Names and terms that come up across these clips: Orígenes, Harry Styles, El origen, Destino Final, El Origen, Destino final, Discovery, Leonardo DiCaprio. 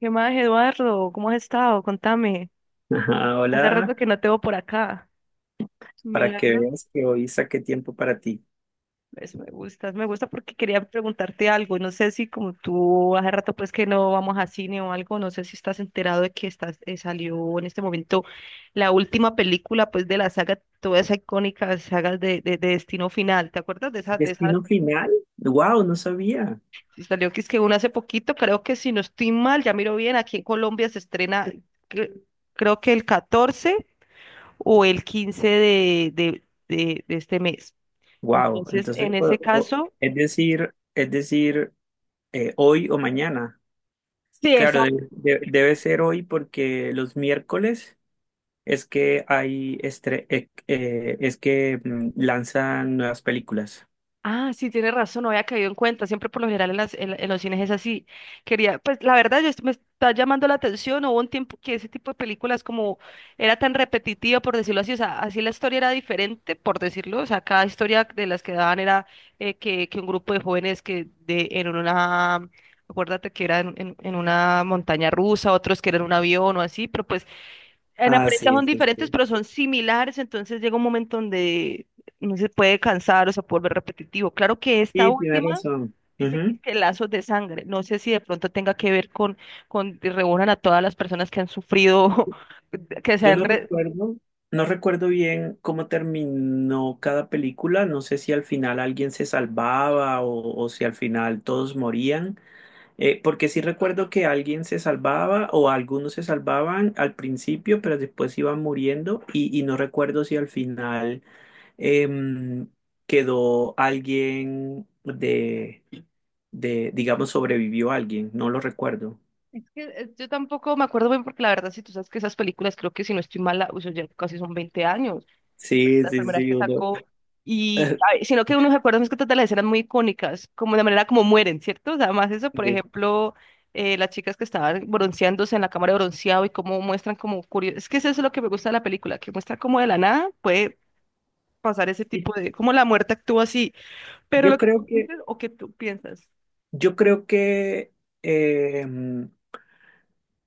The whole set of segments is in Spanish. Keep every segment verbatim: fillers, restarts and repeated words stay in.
¿Qué más, Eduardo? ¿Cómo has estado? Contame. Ah, Hace hola, rato que no te veo por acá. para que Milagro. veas que hoy saqué tiempo para ti. Eso me gusta, me gusta porque quería preguntarte algo. No sé si como tú hace rato pues que no vamos a cine o algo, no sé si estás enterado de que estás, eh, salió en este momento la última película pues de la saga, toda esa icónica saga de, de, de Destino Final. ¿Te acuerdas de esa, de esa? ¿Destino final? Wow, no sabía. Salió que es que una hace poquito, creo que si no estoy mal, ya miro bien, aquí en Colombia se estrena, cre- creo que el catorce o el quince de, de, de, de este mes. Wow, Entonces, entonces, en ese o- o- caso, es decir, es decir, eh, hoy o mañana. sí, Claro, exacto. de- de- debe ser hoy porque los miércoles es que hay estre- eh, eh, es que mm, lanzan nuevas películas. Ah, sí, tiene razón, no había caído en cuenta. Siempre por lo general en, las, en, la- en los cines es así. Quería, pues la verdad, yo, me está llamando la atención. Hubo un tiempo que ese tipo de películas como era tan repetitiva, por decirlo así. O sea, así la historia era diferente, por decirlo. O sea, cada historia de las que daban era eh, que, que un grupo de jóvenes que de, en una... Acuérdate que era en, en en una montaña rusa, otros que eran un avión o así, pero pues en Ah, apariencia sí, son sí, diferentes, sí. pero son similares, entonces llega un momento donde no se puede cansar o se puede volver repetitivo. Claro que esta Sí, tienes última razón. dice que, Ujú. que lazos de sangre. No sé si de pronto tenga que ver con, con que reúnan a todas las personas que han sufrido, que se Yo han... no re- recuerdo, no recuerdo bien cómo terminó cada película. No sé si al final alguien se salvaba o, o si al final todos morían. Eh, porque sí recuerdo que alguien se salvaba o algunos se salvaban al principio, pero después iban muriendo. Y, y no recuerdo si al final em, quedó alguien de, de, digamos, sobrevivió alguien. No lo recuerdo. Es que eh, yo tampoco me acuerdo bien porque la verdad, si tú sabes que esas películas, creo que si no estoy mala, uy, eso ya casi son veinte años, Sí, las sí, primeras sí, que uno- sacó. Y, ay, sino que uno se acuerda más que todas de las escenas muy icónicas, como de manera como mueren, ¿cierto? O sea, además eso, por Sí. ejemplo, eh, las chicas que estaban bronceándose en la cámara de bronceado y cómo muestran como curioso. Es que eso es lo que me gusta de la película, que muestra como de la nada puede pasar ese tipo Y de, como la muerte actúa así. Pero lo Yo que tú creo que dices o que tú piensas, Yo creo que em,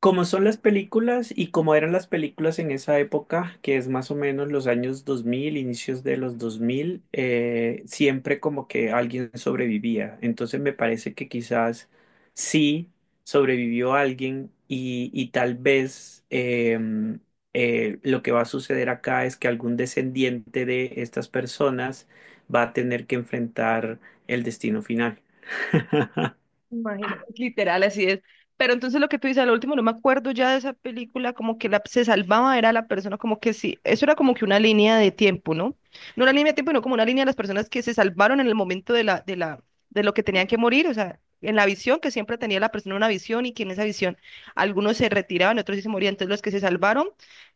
como son las películas y como eran las películas en esa época, que es más o menos los años dos mil, inicios de los dos mil, eh, siempre como que alguien sobrevivía. Entonces me parece que quizás sí sobrevivió alguien y, y tal vez em, eh, lo que va a suceder acá es que algún descendiente de estas personas va a tener que enfrentar el destino final. imagínate, literal, así es. Pero entonces lo que tú dices, al último no me acuerdo ya de esa película, como que la, se salvaba, era la persona, como que sí, eso era como que una línea de tiempo, ¿no? No una línea de tiempo, sino como una línea de las personas que se salvaron en el momento de la, de la, de lo que tenían que morir, o sea, en la visión, que siempre tenía la persona una visión y que en esa visión algunos se retiraban, otros sí se morían, entonces los que se salvaron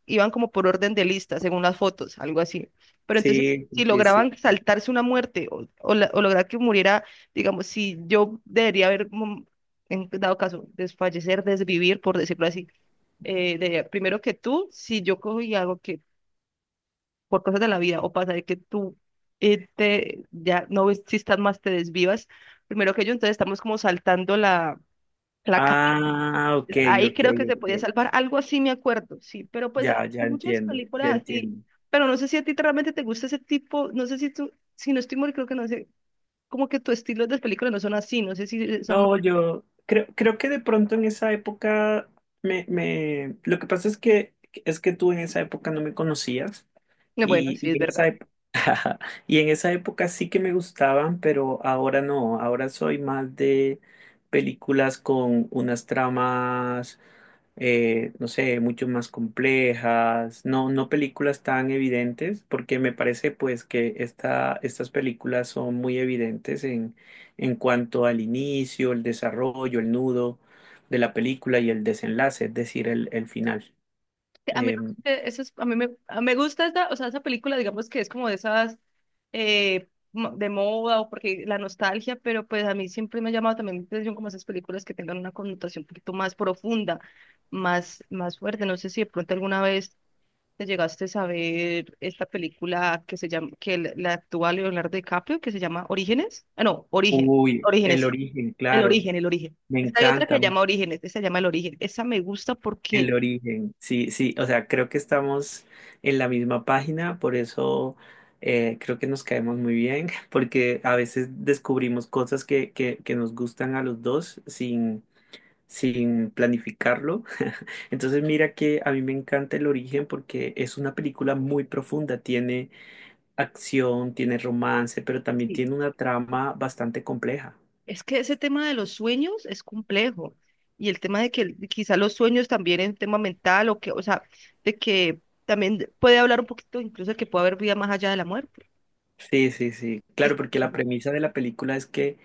iban como por orden de lista, según las fotos, algo así. Pero entonces, Sí, si sí, sí. lograban saltarse una muerte o, o la- o lograr que muriera. Digamos, si yo debería haber, mm, en dado caso, desfallecer, desvivir, por decirlo así, eh, de- primero que tú, si yo cojo y hago que por cosas de la vida o pasa de que tú eh, te, ya no existas más, te desvivas, primero que yo, entonces estamos como saltando la, la cadena. Ah, ok, Ahí ok, creo que se podía ok. salvar, algo así me acuerdo, sí, pero pues hay Ya, ya muchas entiendo, ya películas así, entiendo. pero no sé si a ti te- realmente te gusta ese tipo, no sé si tú, si no estoy mal, creo que no sé, como que tu estilo de películas no son así, no sé si son No, yo creo, creo que de pronto en esa época me, me, lo que pasa es que es que tú en esa época no me conocías no, bueno, y, sí, y es en esa verdad. época y en esa época sí que me gustaban, pero ahora no. Ahora soy más de películas con unas tramas. Eh, no sé, mucho más complejas, no, no películas tan evidentes, porque me parece pues que esta, estas películas son muy evidentes en, en cuanto al inicio, el desarrollo, el nudo de la película y el desenlace, es decir, el, el final. A mí, Eh, eh, eso es- a mí me, a- me gusta esta, o sea, esa película, digamos que es como de esas eh, mo- de moda o porque la nostalgia, pero pues a mí siempre me ha llamado también la atención como esas películas que tengan una connotación un poquito más profunda, más, más fuerte. No sé si de pronto alguna vez te llegaste a saber esta película que se llama, que la la actúa Leonardo DiCaprio, que se llama Orígenes. Ah, no, Origen. uy, Orígenes, el sí. origen, El claro, origen, el origen. me Es que hay otra que encanta. se llama Orígenes, esa se llama El Origen. Esa me gusta El porque... origen, sí, sí, o sea, creo que estamos en la misma página, por eso eh, creo que nos caemos muy bien, porque a veces descubrimos cosas que, que, que nos gustan a los dos sin, sin planificarlo. Entonces mira que a mí me encanta El origen porque es una película muy profunda, tiene acción, tiene romance, pero también sí, tiene una trama bastante compleja. es que ese tema de los sueños es complejo y el tema de que el- quizá los sueños también es un tema mental o que, o sea, de que también de- puede hablar un poquito incluso de que puede haber vida más allá de la muerte. Sí, sí, sí. Claro, Esto, porque pues, la uno... premisa de la película es que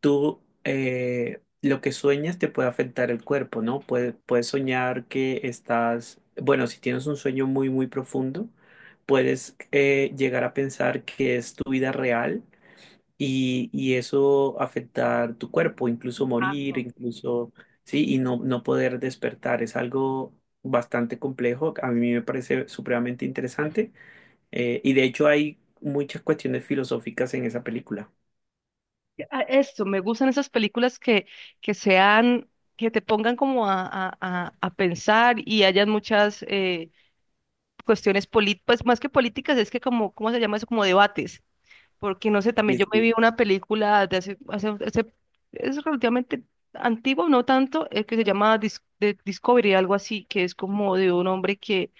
tú eh, lo que sueñas te puede afectar el cuerpo, ¿no? Puedes, puedes soñar que estás, bueno, si tienes un sueño muy, muy profundo, puedes eh, llegar a pensar que es tu vida real y, y eso afectar tu cuerpo, incluso morir, exacto. incluso, sí, y no, no poder despertar. Es algo bastante complejo. A mí me parece supremamente interesante. Eh, y de hecho hay muchas cuestiones filosóficas en esa película. Ah, eso, me gustan esas películas que, que sean, que te pongan como a, a, a- a pensar y hayan muchas eh, cuestiones políticas, pues más que políticas, es que como, ¿cómo se llama eso? Como debates. Porque no sé, Y también yo es me que, vi una película de hace, hace, hace- es relativamente antigua, no tanto, eh, que se llama Dis- de Discovery, algo así, que es como de un hombre que,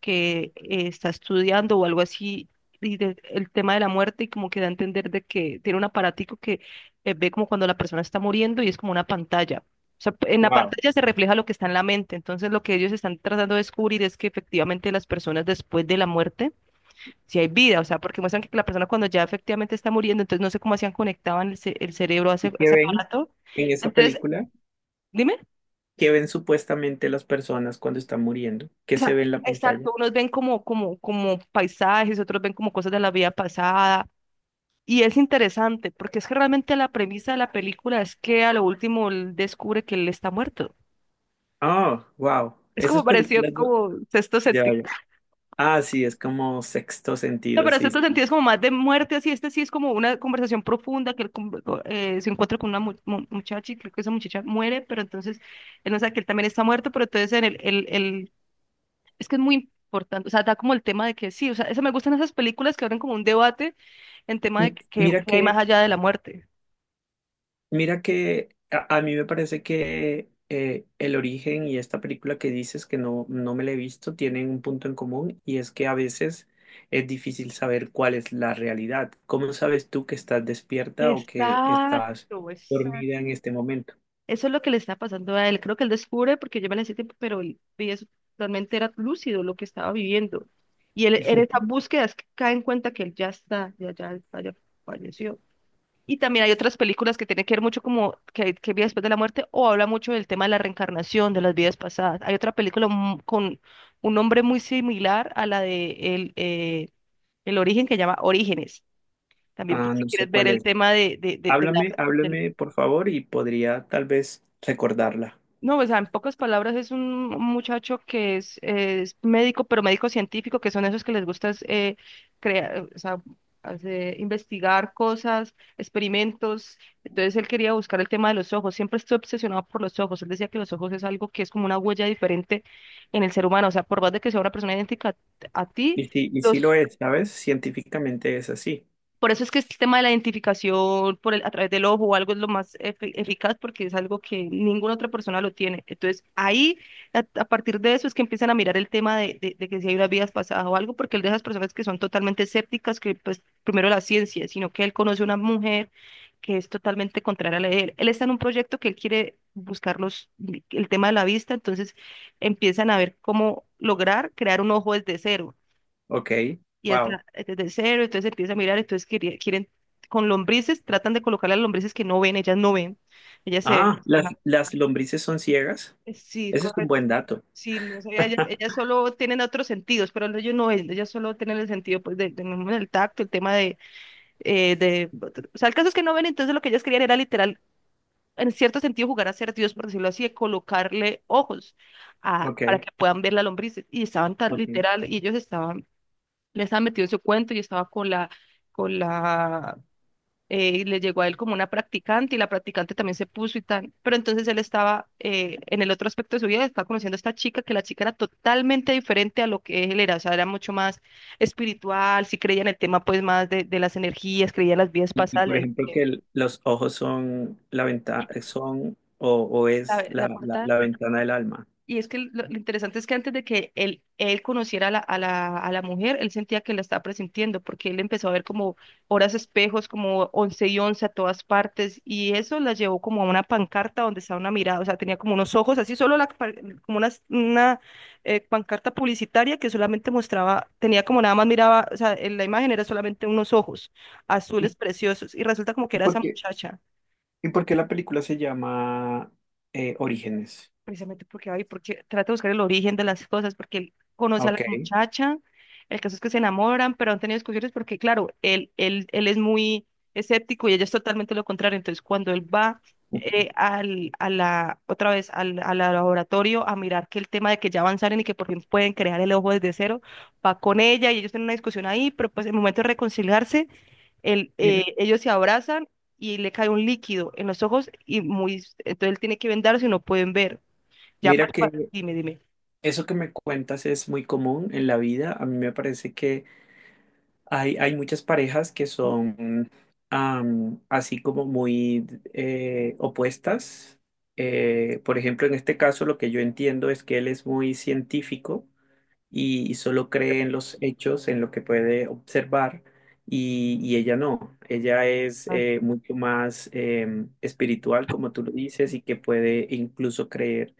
que eh, está estudiando o algo así, y de- el tema de la muerte, y como que da a entender de que tiene un aparatico que eh, ve como cuando la persona está muriendo y es como una pantalla. O sea, en la wow. pantalla se refleja lo que está en la mente. Entonces, lo que ellos están tratando de descubrir es que efectivamente las personas después de la muerte si hay vida, o sea, porque muestran que la persona cuando ya efectivamente está muriendo, entonces no sé cómo hacían, conectaban el, ce- el cerebro a ese, ¿Y a qué ese ven aparato. en esa Entonces, película? dime, ¿Qué ven supuestamente las personas cuando están muriendo? ¿Qué se ve en la pantalla? exacto, unos ven como, como, como paisajes, otros ven como cosas de la vida pasada, y es interesante, porque es que realmente la premisa de la película es que a lo último él descubre que él está muerto. Oh, wow. Es Esas como parecido películas. no- como sexto Ya, sentido. ya. Ah, sí, es como sexto No, sentido, pero este sí. otro Sí. sentido es como más de muerte, así este sí es como una conversación profunda que él con- co- eh, se encuentra con una mu- mu- muchacha y creo que esa muchacha muere, pero entonces él no sabe que él también está muerto, pero entonces en el, el, el- es que es muy importante, o sea, da como el tema de que sí, o sea, eso me gustan esas películas que abren como un debate en tema de M- que, Mira que hay que más allá de la muerte. Mira que a, a mí me parece que eh, El Origen y esta película que dices que no, no me la he visto tienen un punto en común y es que a veces es difícil saber cuál es la realidad. ¿Cómo sabes tú que estás despierta o que estás Exacto, dormida en este momento? eso es lo que le está pasando a él. Creo que él descubre, porque yo me la hice tiempo, pero él veía eso, realmente era lúcido lo que estaba viviendo. Y él en esa búsqueda es que cae en cuenta que él ya está, ya, ya, ya, falleció. Y también hay otras películas que tienen que ver mucho como que, que vida después de la muerte o habla mucho del tema de la reencarnación, de las vidas pasadas. Hay otra película mu- con un nombre muy similar a la de El, eh, el Origen que llama Orígenes. También por Ah, si no sé quieres ver cuál el es. tema de, de, de, de Háblame, la, háblame por favor y podría tal vez recordarla. no, o sea, en pocas palabras es un muchacho que es, es médico, pero médico científico, que son esos que les gusta es, eh, crear, o sea, hacer- investigar cosas, experimentos. Entonces él quería buscar el tema de los ojos. Siempre estoy obsesionado por los ojos. Él decía que los ojos es algo que es como una huella diferente en el ser humano. O sea, por más de que sea una persona idéntica a ti, Y sí, y sí los lo es, ¿sabes? Científicamente es así. por eso es que este tema de la identificación por el, a través del ojo o algo es lo más efe- eficaz porque es algo que ninguna otra persona lo tiene. Entonces, ahí, a, a partir de eso, es que empiezan a mirar el tema de, de- de que si hay unas vidas pasadas o algo, porque él de esas personas que son totalmente escépticas, que pues primero la ciencia, sino que él conoce una mujer que es totalmente contraria a la de él. Él está en un proyecto que él quiere buscar los, el tema de la vista, entonces empiezan a ver cómo lograr crear un ojo desde cero Ok, y wow. está desde cero, entonces empieza a mirar, entonces quería- quieren, con lombrices, tratan de colocar las lombrices que no ven, ellas no ven, ellas se... Ah, las, ajá. las lombrices son ciegas. Sí, Ese es un correcto. buen dato. Sí, no sé, ellas, ellas solo tienen otros sentidos, pero ellos no ven, ellas solo tienen el sentido pues de, de- del tacto, el tema de, eh, de... O sea, el caso es que no ven, entonces lo que ellas querían era literal, en cierto sentido, jugar a ser Dios, por decirlo así, de colocarle ojos a, Ok, para que puedan ver las lombrices. Y estaban tan ok. literal, y ellos estaban, le estaba metido en su cuento y estaba con la, con la, eh, y le llegó a él como una practicante y la practicante también se puso y tal. Pero entonces él estaba eh, en el otro aspecto de su vida, estaba conociendo a esta chica, que la chica era totalmente diferente a lo que él era. O sea, era mucho más espiritual, sí creía en el tema pues más de, de las energías, creía en las vidas Y, y, pasadas, le por ejemplo, dije, que el- los ojos son la ventana, son o, o es "¿Sabe? la, La la- puerta". la ventana del alma. Y es que lo, lo interesante es que antes de que él, él conociera a la, a la, a la mujer, él sentía que la estaba presintiendo, porque él empezó a ver como horas espejos, como once y once a todas partes, y eso la llevó como a una pancarta donde estaba una mirada. O sea, tenía como unos ojos, así solo la, pa- como una, una eh, pancarta publicitaria que solamente mostraba, tenía como nada más miraba. O sea, en la imagen era solamente unos ojos azules ¿Y preciosos, y resulta como que y era esa por qué, muchacha. y por qué la película se llama eh, Orígenes? Precisamente porque va y porque trata de buscar el origen de las cosas, porque él conoce a la Ok, muchacha, el caso es que se enamoran, pero han tenido discusiones porque, claro, él, él, él es muy escéptico y ella es totalmente lo contrario. Entonces, cuando él va eh, al, a la, otra vez al, al laboratorio a mirar que el tema de que ya avanzaron y que por fin pueden crear el ojo desde cero, va con ella y ellos tienen una discusión ahí, pero pues en el momento de reconciliarse, él, mira, eh, ellos se abrazan. Y le cae un líquido en los ojos y muy, entonces él tiene que vendarse y no pueden ver. Ya mira para, para- que dime, dime. eso que me cuentas es muy común en la vida. A mí me parece que Hay, hay muchas parejas que son am, así como muy eh, opuestas. Eh, por ejemplo, en este caso lo que yo entiendo es que él es muy científico y, y solo cree en los hechos, en lo que puede observar, y, y ella no. Ella es Ah. eh, mucho más em, espiritual, como tú lo dices, y que puede incluso creer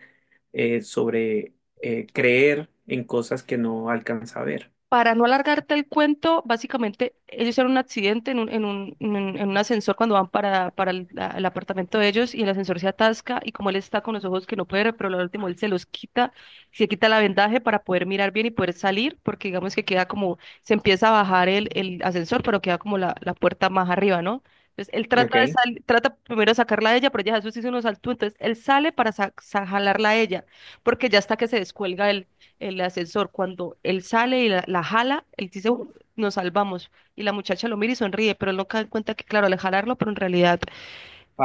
eh, sobre eh, creer en cosas que no alcanza a ver. Para no alargarte el cuento, básicamente ellos hicieron un accidente en un, en un, en un- en un ascensor cuando van para, para el, la- el apartamento de ellos, y el ascensor se atasca. Y como él está con los ojos que no puede ver, pero lo último él se los quita, se quita la vendaje para poder mirar bien y poder salir, porque digamos que queda como, se empieza a bajar el, el ascensor, pero queda como la, la puerta más arriba, ¿no? Entonces él trata de Ok. sal-, trata primero de sacarla a ella, pero ella Jesús hizo unos saltos, entonces él sale para sa- sa- jalarla a ella, porque ya está que se descuelga él, el ascensor. Cuando él sale y la, la jala, él dice, "Uh, nos salvamos". Y la muchacha lo mira y sonríe, pero él no cae en cuenta que, claro, al jalarlo, pero en realidad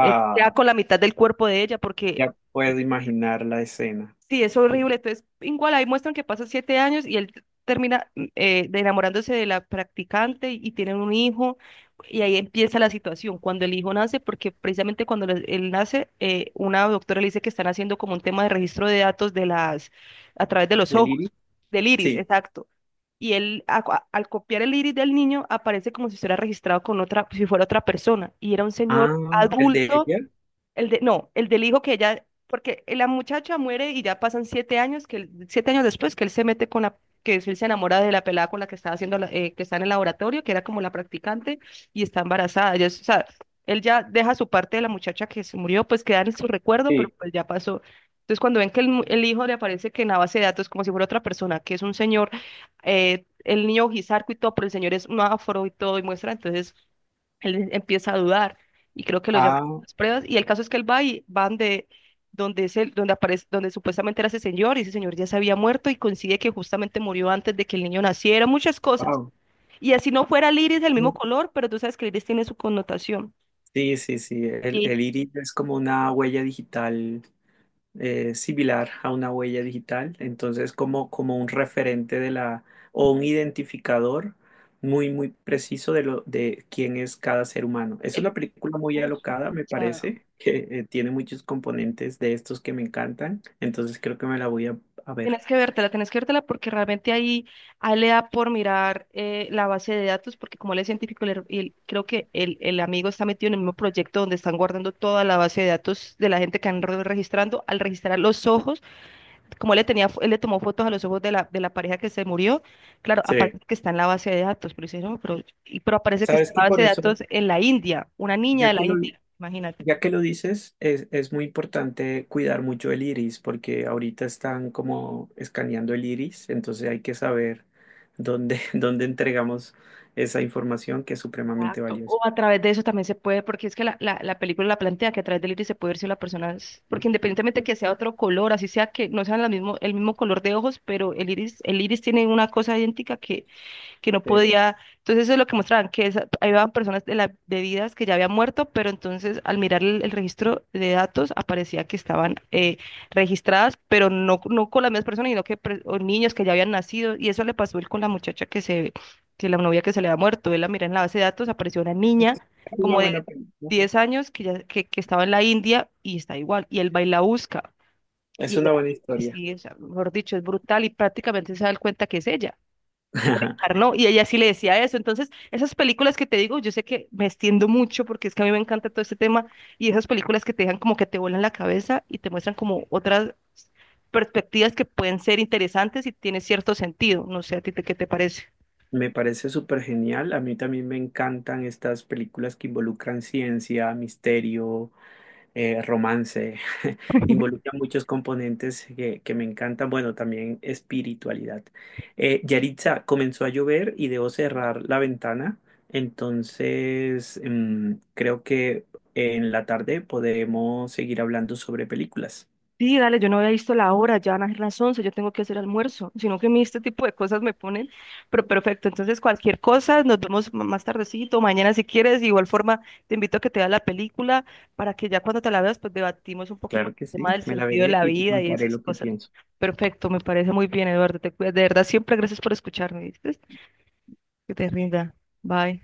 él queda con la mitad del cuerpo de ella, porque Ya puedo imaginar la escena. sí, es ¿El horrible. Entonces, igual ahí muestran que pasan siete años y él termina mm, eh, de enamorándose de la practicante y, y tienen un hijo. Y ahí empieza la situación, cuando el hijo nace, porque precisamente cuando le- él nace, eh, una doctora le dice que están haciendo como un tema de registro de datos de las, a través de los ¿Del ojos, Iris? del iris, Sí. exacto. Y él, a- a- al copiar el iris del niño, aparece como si estuviera registrado con otra, si fuera otra persona. Y era un señor Ah, ¿el de adulto, ella? el de, no, el del hijo que ella, porque la muchacha muere y ya pasan siete años, que él- siete años después que él se mete con la, que él se enamora de la pelada con la que estaba haciendo, la- eh, que está en el laboratorio, que era como la practicante, y está embarazada. Ya es- o sea, él ya deja su parte de la muchacha que se murió, pues queda en su recuerdo, pero Sí. pues ya pasó. Entonces cuando ven que el, mu- el hijo le aparece que en la base de datos, como si fuera otra persona, que es un señor, eh, el niño Gizarco y todo, pero el señor es un afro y todo, y muestra entonces él em, empieza a dudar, y creo que lo llaman Ah, a las pruebas y el caso es que él va y van de donde es el- donde aparece, donde supuestamente era ese señor, y ese señor ya se había muerto y coincide que justamente murió antes de que el niño naciera, muchas cosas. wow. Y así no fuera el iris del mismo color, pero tú sabes que el iris tiene su connotación. Sí, sí, sí. El, Y el iris es como una huella digital eh, similar a una huella digital, entonces como, como un referente de la o un identificador muy, muy preciso de lo de quién es cada ser humano. Es el, una película muy alocada, me parece, que eh, tiene muchos componentes de estos que me encantan, entonces creo que me la voy a, a ver. tienes que vértela, tienes que vértela, porque realmente ahí, ahí le da por mirar eh, la base de datos, porque como él es científico, le- y él- creo que el, el amigo está metido en el mismo proyecto donde están guardando toda la base de datos de la gente que han re- registrando. Al registrar los ojos, como él le tenía, fo- él le tomó fotos a los ojos de la, de la pareja que se murió, claro, Sí. aparece que está en la base de datos. Pero dice, no, pero, y- pero aparece que está Sabes en que la base por de eso, datos en la India, una niña de ya la que lo, India, imagínate. ya que lo dices, es, es muy importante cuidar mucho el iris, porque ahorita están como escaneando el iris, entonces hay que saber dónde, dónde entregamos esa información que es supremamente Exacto. O valiosa. a través de eso también se puede, porque es que la, la, la película la plantea que a través del iris se puede ver si la persona es, porque independientemente que sea otro color, así sea que no sean la mismo, el mismo color de ojos, pero el iris, el iris tiene una cosa idéntica que que no Sí. podía. Entonces eso es lo que mostraban, que esa- ahí iban personas de, la, de vidas que ya habían muerto, pero entonces al mirar el, el registro de datos aparecía que estaban eh, registradas, pero no, no con las mismas personas, sino que pre- o niños que ya habían nacido. Y eso le pasó él con la muchacha que se, que la novia que se le había muerto. Él la mira en la base de datos, apareció una Es niña una como de buena película. diez años que, ya, que, que estaba en la India y está igual. Y él va y la busca. Y Es él- una buena historia. sí, o sea, mejor dicho, es brutal y prácticamente se da cuenta que es ella, que dejar, ¿no? Y ella sí le decía eso. Entonces, esas películas que te digo, yo sé que me extiendo mucho porque es que a mí me encanta todo este tema, y esas películas que te dejan como que te vuelan la cabeza y te muestran como otras perspectivas que pueden ser interesantes y tiene cierto sentido. No sé, ¿a ti te- qué te parece? Me parece súper genial. A mí también me encantan estas películas que involucran ciencia, misterio, eh, romance. Involucra muchos componentes que, que me encantan. Bueno, también espiritualidad. Eh, Yaritza, comenzó a llover y debo cerrar la ventana. Entonces, mm, creo que en la tarde podemos seguir hablando sobre películas. Sí, dale, yo no había visto la hora, ya van a ser las once. Yo tengo que hacer almuerzo, sino que a mí este tipo de cosas me ponen, pero perfecto. Entonces cualquier cosa, nos vemos m- más tardecito, mañana si quieres. De igual forma te invito a que te veas la película, para que ya cuando te la veas, pues debatimos un poquito Claro que el tema sí, del me la sentido de veré la y te vida y contaré esas lo que cosas. pienso. Perfecto, me parece muy bien, Eduardo, te cuidas, de verdad, siempre gracias por escucharme, ¿viste? Que te rinda, bye.